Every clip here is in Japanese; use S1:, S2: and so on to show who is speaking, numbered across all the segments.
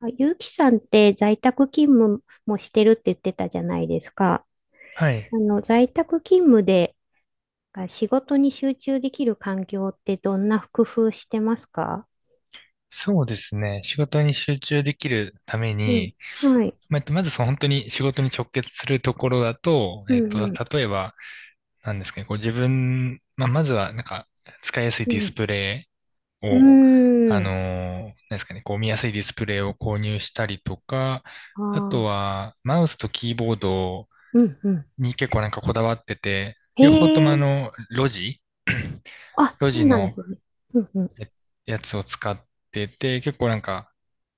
S1: あ、ゆうきさんって在宅勤務もしてるって言ってたじゃないですか。
S2: はい。
S1: 在宅勤務でが仕事に集中できる環境ってどんな工夫してますか？
S2: そうですね。仕事に集中できるため
S1: うん。
S2: に、
S1: はい。
S2: まあまずその本当に仕事に直結するところだと、
S1: うん、うん、
S2: 例えば、なんですかね、こう自分、まあ、まずはなんか使いやすい
S1: う
S2: ディス
S1: ん。
S2: プレイ
S1: う
S2: を、
S1: ーん。
S2: なんですかね、こう見やすいディスプレイを購入したりとか、
S1: あ
S2: あと
S1: あ。
S2: はマウスとキーボード
S1: うん、うん。
S2: に結構なんかこだわってて、
S1: へ
S2: 両方とも
S1: え。
S2: ロジ
S1: あ、
S2: ロ
S1: そ
S2: ジ
S1: う なんで
S2: の
S1: すね。うん、うん。
S2: えやつを使ってて、結構なんか、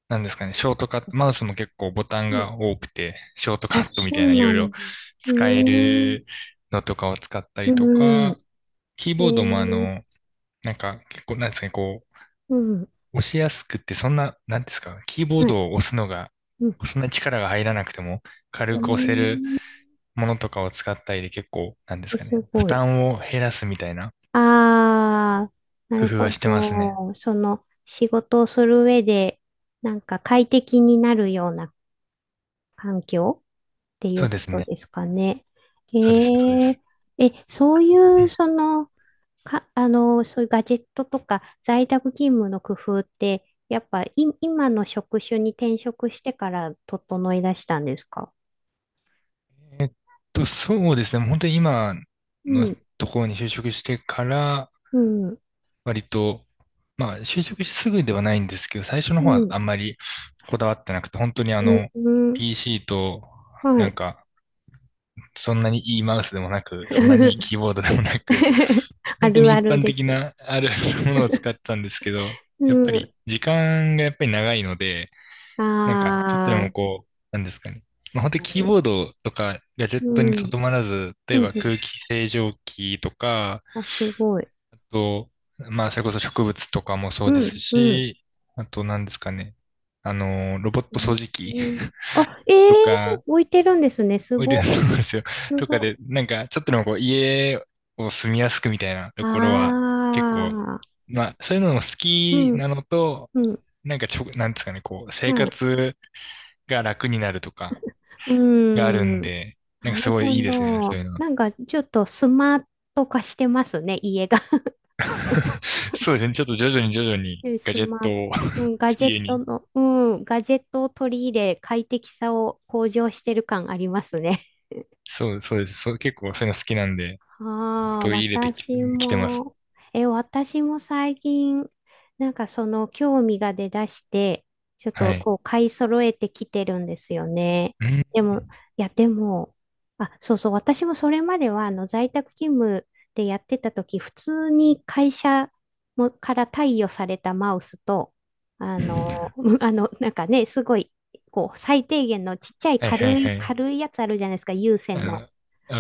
S2: なんですかね、ショートカット、マウ
S1: そ
S2: スも結構ボタン
S1: うん、
S2: が多くて、ショートカ
S1: あ、
S2: ットみ
S1: そ
S2: たい
S1: う
S2: ないろ
S1: な
S2: いろ
S1: んだ。うー
S2: 使え
S1: ん。う
S2: るのとかを使った
S1: ー
S2: りと
S1: ん。
S2: か、キー
S1: へ
S2: ボードも
S1: え。
S2: なんか結構なんですかね、こ
S1: うん。
S2: う、押しやすくってそんな、なんですか、キーボー
S1: はい。
S2: ドを押すのが、
S1: うん。
S2: そんな力が入らなくても
S1: う
S2: 軽
S1: ー
S2: く押せる
S1: ん。
S2: ものとかを使ったりで結構、なんです
S1: え、
S2: か
S1: す
S2: ね、負
S1: ごい。
S2: 担を減らすみたいな
S1: ああ、な
S2: 工
S1: る
S2: 夫は
S1: ほ
S2: してますね。
S1: ど。その仕事をする上で、なんか快適になるような環境ってい
S2: そ
S1: う
S2: うで
S1: こ
S2: す
S1: と
S2: ね。
S1: ですかね。え
S2: そうですね、そうで
S1: ー、
S2: す。
S1: え、そうい
S2: う
S1: う、
S2: ん
S1: その、か、そういうガジェットとか在宅勤務の工夫って、やっぱい、今の職種に転職してから整い出したんですか？
S2: そうですね。本当に今
S1: う
S2: の
S1: ん、
S2: ところに就職してから、
S1: うん、
S2: 割と、まあ、就職してすぐではないんですけど、最初の
S1: う
S2: 方は
S1: ん、
S2: あんまりこだわってなくて、本当に
S1: うん、うん、
S2: PC と、
S1: は
S2: なん
S1: い。
S2: か、そんなにいいマウスでもなく、そんなにいいキーボードでもなく、
S1: あ
S2: 本当
S1: る
S2: に
S1: あ
S2: 一
S1: る
S2: 般
S1: で
S2: 的
S1: すね。
S2: なある ものを使ってたんですけど、
S1: う
S2: やっぱり
S1: ん。
S2: 時間がやっぱり長いので、
S1: あ
S2: なんか、ちょっとでも
S1: あ、
S2: こう、なんですかね。まあ、
S1: 確
S2: 本当にキー
S1: か
S2: ボードとかガジェッ
S1: に、う
S2: トにとど
S1: ん。
S2: まらず、例
S1: う
S2: え
S1: ん。
S2: ば
S1: うん、
S2: 空気清浄機とか、
S1: あ、すごい。
S2: あと、まあ、それこそ植物とかもそ
S1: う
S2: うです
S1: ん。うん。
S2: し、あと、なんですかね。ロボット掃除機
S1: うん。あ、え
S2: と
S1: え、
S2: か、
S1: 置いてるんですね。す
S2: おいで、
S1: ご。
S2: そうなんですよ。
S1: す
S2: とかで、
S1: ご。
S2: なんか、ちょっとでもこう、家を住みやすくみたいなところは、結構、
S1: ああ、
S2: まあ、そういうのも好
S1: う
S2: きな
S1: ん。
S2: のと、
S1: うん。
S2: なんかなんですかね、こう、生
S1: はい。
S2: 活が楽になるとか、
S1: う
S2: があるん
S1: ん。
S2: で、な
S1: な
S2: んか
S1: る
S2: すご
S1: ほ
S2: いいいですね、そ
S1: ど。
S2: ういうの。
S1: なんか、ちょっとスマート化してますね、家が。
S2: そうですね、ちょっと徐々に徐々に
S1: うん、
S2: ガ
S1: ス
S2: ジェッ
S1: マー
S2: ト
S1: ト、
S2: を
S1: うん、ガ ジェ
S2: 家
S1: ット
S2: に。
S1: の、うん、ガジェットを取り入れ、快適さを向上してる感ありますね。
S2: そう、そうです。そう、結構そういうの好きなんで、
S1: ああ、
S2: 取り入れてき、
S1: 私
S2: きてます。
S1: も、え、私も最近、なんかその興味が出だして、ちょっ
S2: は
S1: と
S2: い。
S1: こう買い揃えてきてるんですよね。
S2: うん。
S1: でも、いや、でも、あ、そうそう、私もそれまでは在宅勤務でやってた時、普通に会社もから貸与されたマウスと、あの、なんかね、すごい、こう、最低限のちっちゃい
S2: はいはい
S1: 軽い、
S2: はい。
S1: 軽いやつあるじゃないですか、有線の。
S2: わ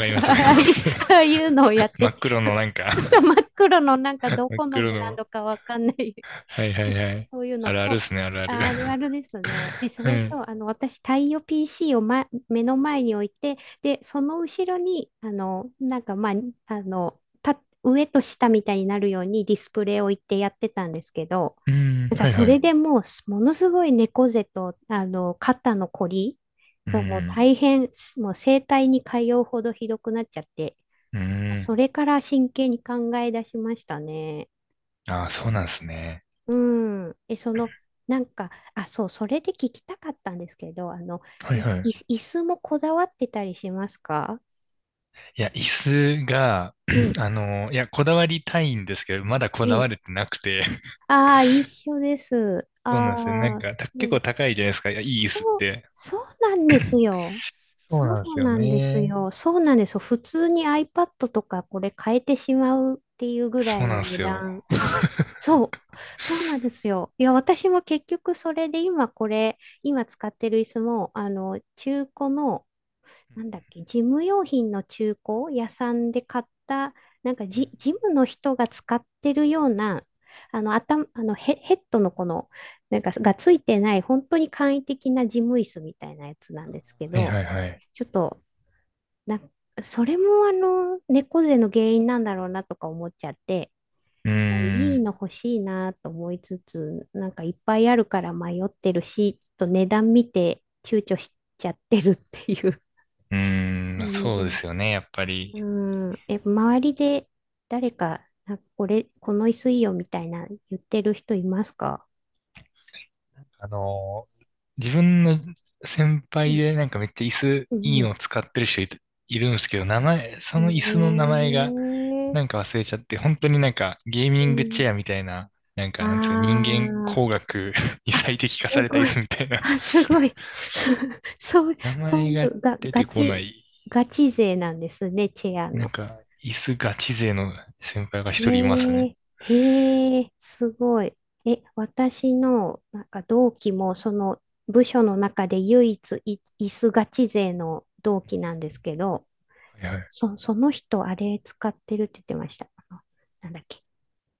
S2: かりますわかり
S1: ああ
S2: ま
S1: いう、
S2: す。
S1: ああいうのをやっ
S2: 真
S1: てて、
S2: っ黒
S1: ずっ
S2: のなんか
S1: と真っ黒のなんか ど
S2: 真っ
S1: この
S2: 黒
S1: ブラン
S2: の。
S1: ドかわかんない、
S2: はいはいは い。
S1: そういうの
S2: あるあるで
S1: と、
S2: すね、あるある。
S1: あるあるです ね。で、それ
S2: はい。
S1: と、私、太陽 PC を、ま、目の前に置いて、で、その後ろに、なんか、まあ、た、上と下みたいになるようにディスプレイを置いてやってたんですけど、
S2: う
S1: な
S2: ん、
S1: んか
S2: はい
S1: そ
S2: は
S1: れ
S2: い。
S1: でもうものすごい猫背と、肩のこり
S2: う
S1: がもう
S2: ん、
S1: 大変、もう整体に通うほどひどくなっちゃって、
S2: う
S1: まあ
S2: ん。
S1: それから真剣に考え出しましたね。
S2: ああ、そうなんですね。
S1: うん。え、その、なんか、あ、そう、それで聞きたかったんですけど、
S2: はい
S1: い、
S2: はい。
S1: い、椅子もこだわってたりしますか？
S2: いや、椅子が、
S1: う ん、
S2: いや、こだわりたいんですけど、まだこ
S1: う
S2: だわ
S1: ん。
S2: れてなくて。
S1: ああ、一緒です。
S2: そうなんですよ。なん
S1: ああ、
S2: か、
S1: そ
S2: 結構
S1: う
S2: 高いじゃないですか。いや、いい椅子っ
S1: そう、
S2: て。
S1: そうなんですよ。
S2: そう
S1: そ
S2: なんです
S1: う
S2: よ
S1: なんです
S2: ね。
S1: よ。そうなんですよ。普通に iPad とかこれ変えてしまうっていうぐらい
S2: そう
S1: の
S2: なんで
S1: 値
S2: すよ。
S1: 段。そう、そうなんですよ。いや、私も結局それで今これ、今使ってる椅子も、中古の
S2: う
S1: なんだっ
S2: ん
S1: け、事務用品の中古屋さんで買った、なんか
S2: う
S1: ジ、
S2: ん
S1: ジムの人が使ってるような、頭、あのヘ、ヘッドのこの、なんかがついてない、本当に簡易的な事務椅子みたいなやつなんですけ
S2: はい
S1: ど、
S2: はいはい。
S1: ちょっと、な、それも猫背の原因なんだろうなとか思っちゃって、
S2: うー
S1: いい
S2: ん、
S1: の欲しいなと思いつつ、なんかいっぱいあるから迷ってるし、ちょっと値段見て躊躇しちゃってるっていう
S2: うーん、
S1: 感
S2: そうですよ
S1: じ。
S2: ね、やっぱ
S1: う
S2: り。
S1: ん、え、周りで誰か、なんかこれ、この椅子いいよみたいな言ってる人いますか？
S2: あの、自分の先
S1: う
S2: 輩
S1: ん、
S2: でなんかめっちゃ椅子
S1: う
S2: いい
S1: ん、
S2: の使ってる人いるんですけど、名前、その椅子の名前が
S1: ね
S2: なん
S1: え。
S2: か忘れちゃって、本当になんかゲーミ
S1: う
S2: ングチ
S1: ん、
S2: ェアみたいな、なんかなんつうか人間
S1: あー、
S2: 工学 に
S1: あ、
S2: 最適
S1: す
S2: 化された
S1: ご
S2: 椅子
S1: い。
S2: みたいな。
S1: あ、すごい。そう、
S2: 名
S1: そう
S2: 前
S1: い
S2: が
S1: うが、
S2: 出
S1: ガ
S2: てこな
S1: チ、
S2: い、
S1: ガチ勢なんですね、チェア
S2: なん
S1: の。
S2: か椅子ガチ勢の先輩が一
S1: え
S2: 人いますね。
S1: え、へえ、すごい。え、私の、なんか同期も、その部署の中で唯一い、椅子ガチ勢の同期なんですけど、
S2: はいはい。
S1: そ、その人、あれ使ってるって言ってました。なんだっけ。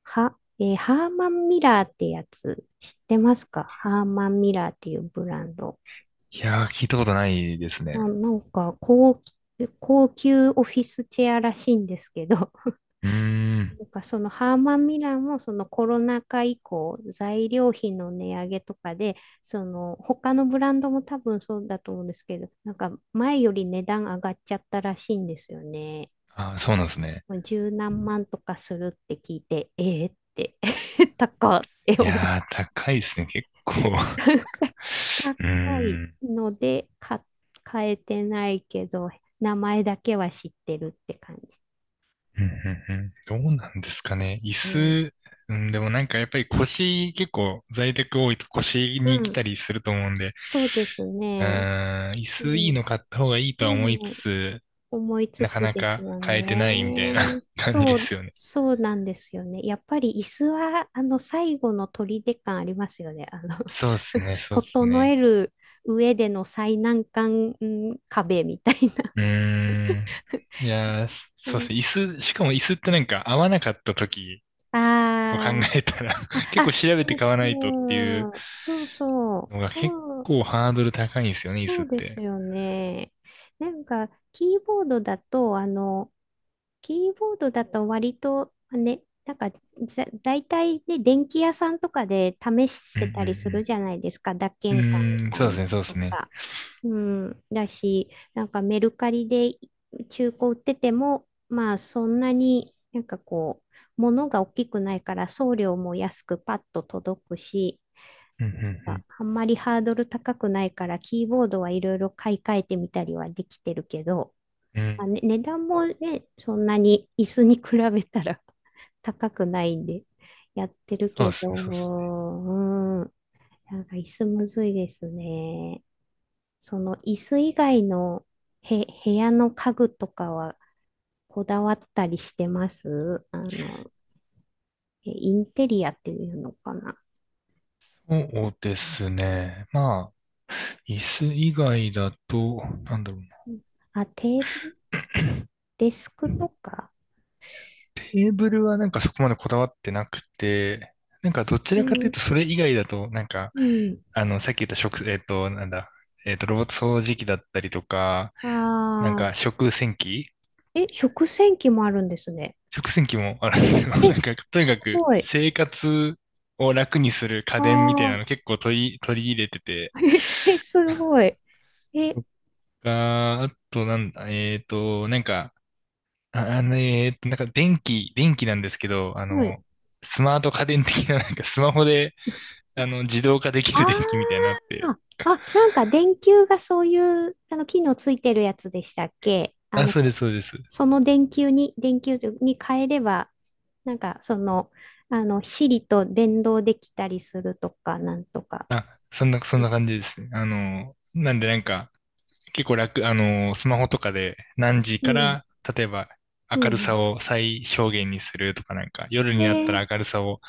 S1: は、えーハーマンミラーってやつ、知ってますか？ハーマンミラーっていうブランド。
S2: いやー、聞いたことないです
S1: ま
S2: ね。
S1: あ、なんか高、高級オフィスチェアらしいんですけど、
S2: うーん。
S1: なんかそのハーマン・ミラーもそのコロナ禍以降材料費の値上げとかでその他のブランドも多分そうだと思うんですけど、なんか前より値段上がっちゃったらしいんですよね。
S2: あー、そうなんですね。
S1: もう十何万とかするって聞いてえー、って 高っって
S2: い
S1: 思う、
S2: やー、高いですね、結構。う
S1: 高い
S2: ーん。
S1: ので買、買えてないけど名前だけは知ってるって感じ。
S2: うんうんうんどうなんですかね。椅
S1: うん、
S2: 子、うん、でもなんかやっぱり腰、結構在宅多いと腰
S1: う
S2: に来
S1: ん、
S2: たりすると思うんで、
S1: そうです
S2: う
S1: ね。
S2: ーん、椅
S1: う
S2: 子いい
S1: ん、で
S2: の買った方がいいとは思いつ
S1: も
S2: つ、
S1: 思いつ
S2: なか
S1: つ
S2: な
S1: です
S2: か
S1: よ
S2: 買えてないみたい
S1: ね。は
S2: な 感じで
S1: そう、い、
S2: すよね。
S1: そうなんですよね。やっぱり椅子は、最後の砦感ありますよね。
S2: そうですね、そうです
S1: 整え
S2: ね。
S1: る上での最難関、うん、壁みたい
S2: うーん。いやー、しそうで
S1: な。
S2: すね。椅子、しかも椅子ってなんか合わなかった時
S1: あ
S2: を考えたら
S1: あー、
S2: 結
S1: あ、
S2: 構調べ
S1: そ
S2: て
S1: う
S2: 買わないとってい
S1: そ
S2: う
S1: う、そうそう、
S2: のが結
S1: そう、
S2: 構ハードル高いんですよね、椅子
S1: そ
S2: っ
S1: うです
S2: て。
S1: よね。なんか、キーボードだと、キーボードだと割とね、なんかざ大体ね、電気屋さんとかで試
S2: うんう
S1: せ
S2: んう
S1: たりする
S2: ん。
S1: じゃないですか、脱
S2: う
S1: 鍵感み
S2: ーん、
S1: たいな
S2: そうで
S1: の
S2: すね、そうで
S1: と
S2: すね。
S1: か。うん、だし、なんかメルカリで中古売ってても、まあそんなになんかこう、物が大きくないから送料も安くパッと届くし、
S2: うん、う
S1: あ
S2: ん、
S1: あんまりハードル高くないから、キーボードはいろいろ買い替えてみたりはできてるけど、
S2: うん。う
S1: ま
S2: ん、
S1: あね、値段もね、そんなに椅子に比べたら 高くないんで、やってる
S2: そうで
S1: け
S2: す
S1: ど、
S2: ね、そうですね。
S1: うん、なんか椅子むずいですね。その椅子以外のへ、部屋の家具とかはこだわったりしてますあの、えインテリアっていうのかな。
S2: そうですね。まあ、椅子以外だと、なんだろうな。
S1: うん、あ、テーブル、デスクとか。
S2: テーブルはなんかそこまでこだわってなくて、なんかどち
S1: う
S2: らかという
S1: ん、
S2: とそれ以外だと、なんか、
S1: うん。
S2: さっき言った食、えっと、なんだ、えっと、ロボット掃除機だったりとか、なん
S1: あ
S2: か
S1: あ、
S2: 食洗機
S1: え、食洗機もあるんですね。
S2: 食洗機もあるんですよ。
S1: え、
S2: なんか、とに
S1: す
S2: かく
S1: ごい。
S2: 生活を楽にする家
S1: あ
S2: 電みたいなの
S1: あ、
S2: 結構取り入れてて、
S1: え、すごい。え、
S2: とか、あとなんだ、なんか、あ、なんか電気なんですけど、
S1: はい。
S2: スマート家電的な、なんかスマホで、自動化できる電気みたいなの
S1: あ
S2: あって。
S1: あ、あ、なんか電球がそういう、機能ついてるやつでしたっけ。あ
S2: あ、
S1: の、
S2: そうで
S1: そ、
S2: す、そうです。
S1: その電球に、電球に変えれば、なんか、その、Siri と連動できたりするとか、なんとか。
S2: あ、そんな感じですね。なんでなんか、結構楽、スマホとかで何時
S1: う
S2: か
S1: ん、
S2: ら、例えば
S1: う
S2: 明る
S1: ん。
S2: さを最小限にするとかなんか、夜
S1: え
S2: になった
S1: ー、
S2: ら明るさを、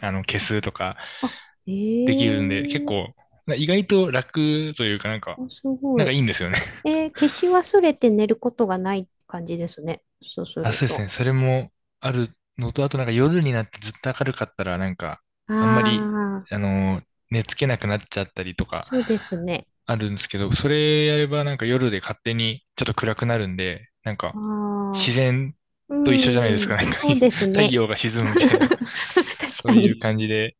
S2: 消すとか
S1: あ、え
S2: できるんで、結
S1: ー、
S2: 構、意外と楽というかなんか、
S1: あ、すご
S2: なん
S1: い。
S2: かいいんですよね。
S1: えー、消し忘れて寝ることがない感じですね。そうす
S2: あ、
S1: る
S2: そうです
S1: と。
S2: ね。それもあるのと、あとなんか夜になってずっと明るかったら、なんか、
S1: あ
S2: あんまり、
S1: あ、
S2: あのー、寝つけなくなっちゃったりとか、
S1: そうですね。
S2: あるんですけど、それやればなんか夜で勝手にちょっと暗くなるんで、なんか、自
S1: ああ、
S2: 然と一緒じゃないで
S1: う
S2: すか。
S1: ん、
S2: なんか、
S1: そうです
S2: 太
S1: ね。
S2: 陽が沈 むみたいな、
S1: 確
S2: そ
S1: か
S2: ういう
S1: に。
S2: 感じで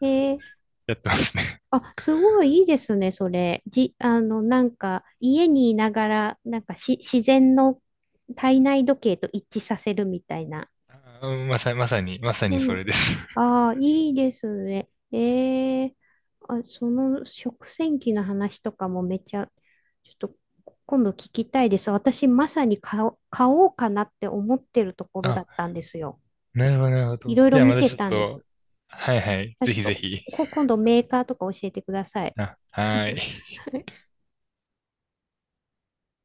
S1: えー、
S2: やってますね。
S1: あ、すごいいいですね、それ。じ、なんか、家にいながら、なんかし、自然の体内時計と一致させるみたいな。
S2: あまさ、まさに、まさ
S1: う
S2: にそ
S1: ん、
S2: れです。
S1: ああ、いいですね。ええ、あ、その食洗機の話とかもめっちゃ、ちょっと今度聞きたいです。私、まさに買おう、買おうかなって思ってるところだ
S2: あ、
S1: ったんですよ。
S2: なるほど、なるほ
S1: い
S2: ど。
S1: ろいろ
S2: じ
S1: い
S2: ゃあ
S1: 見
S2: ま
S1: や、て
S2: た
S1: あ
S2: ち
S1: れ
S2: ょっ
S1: たんです。
S2: と、はいはい、
S1: あ、
S2: ぜ
S1: ちょっ
S2: ひぜ
S1: と、
S2: ひ。
S1: こ今度メーカーとか教えてください。
S2: あ、はーい。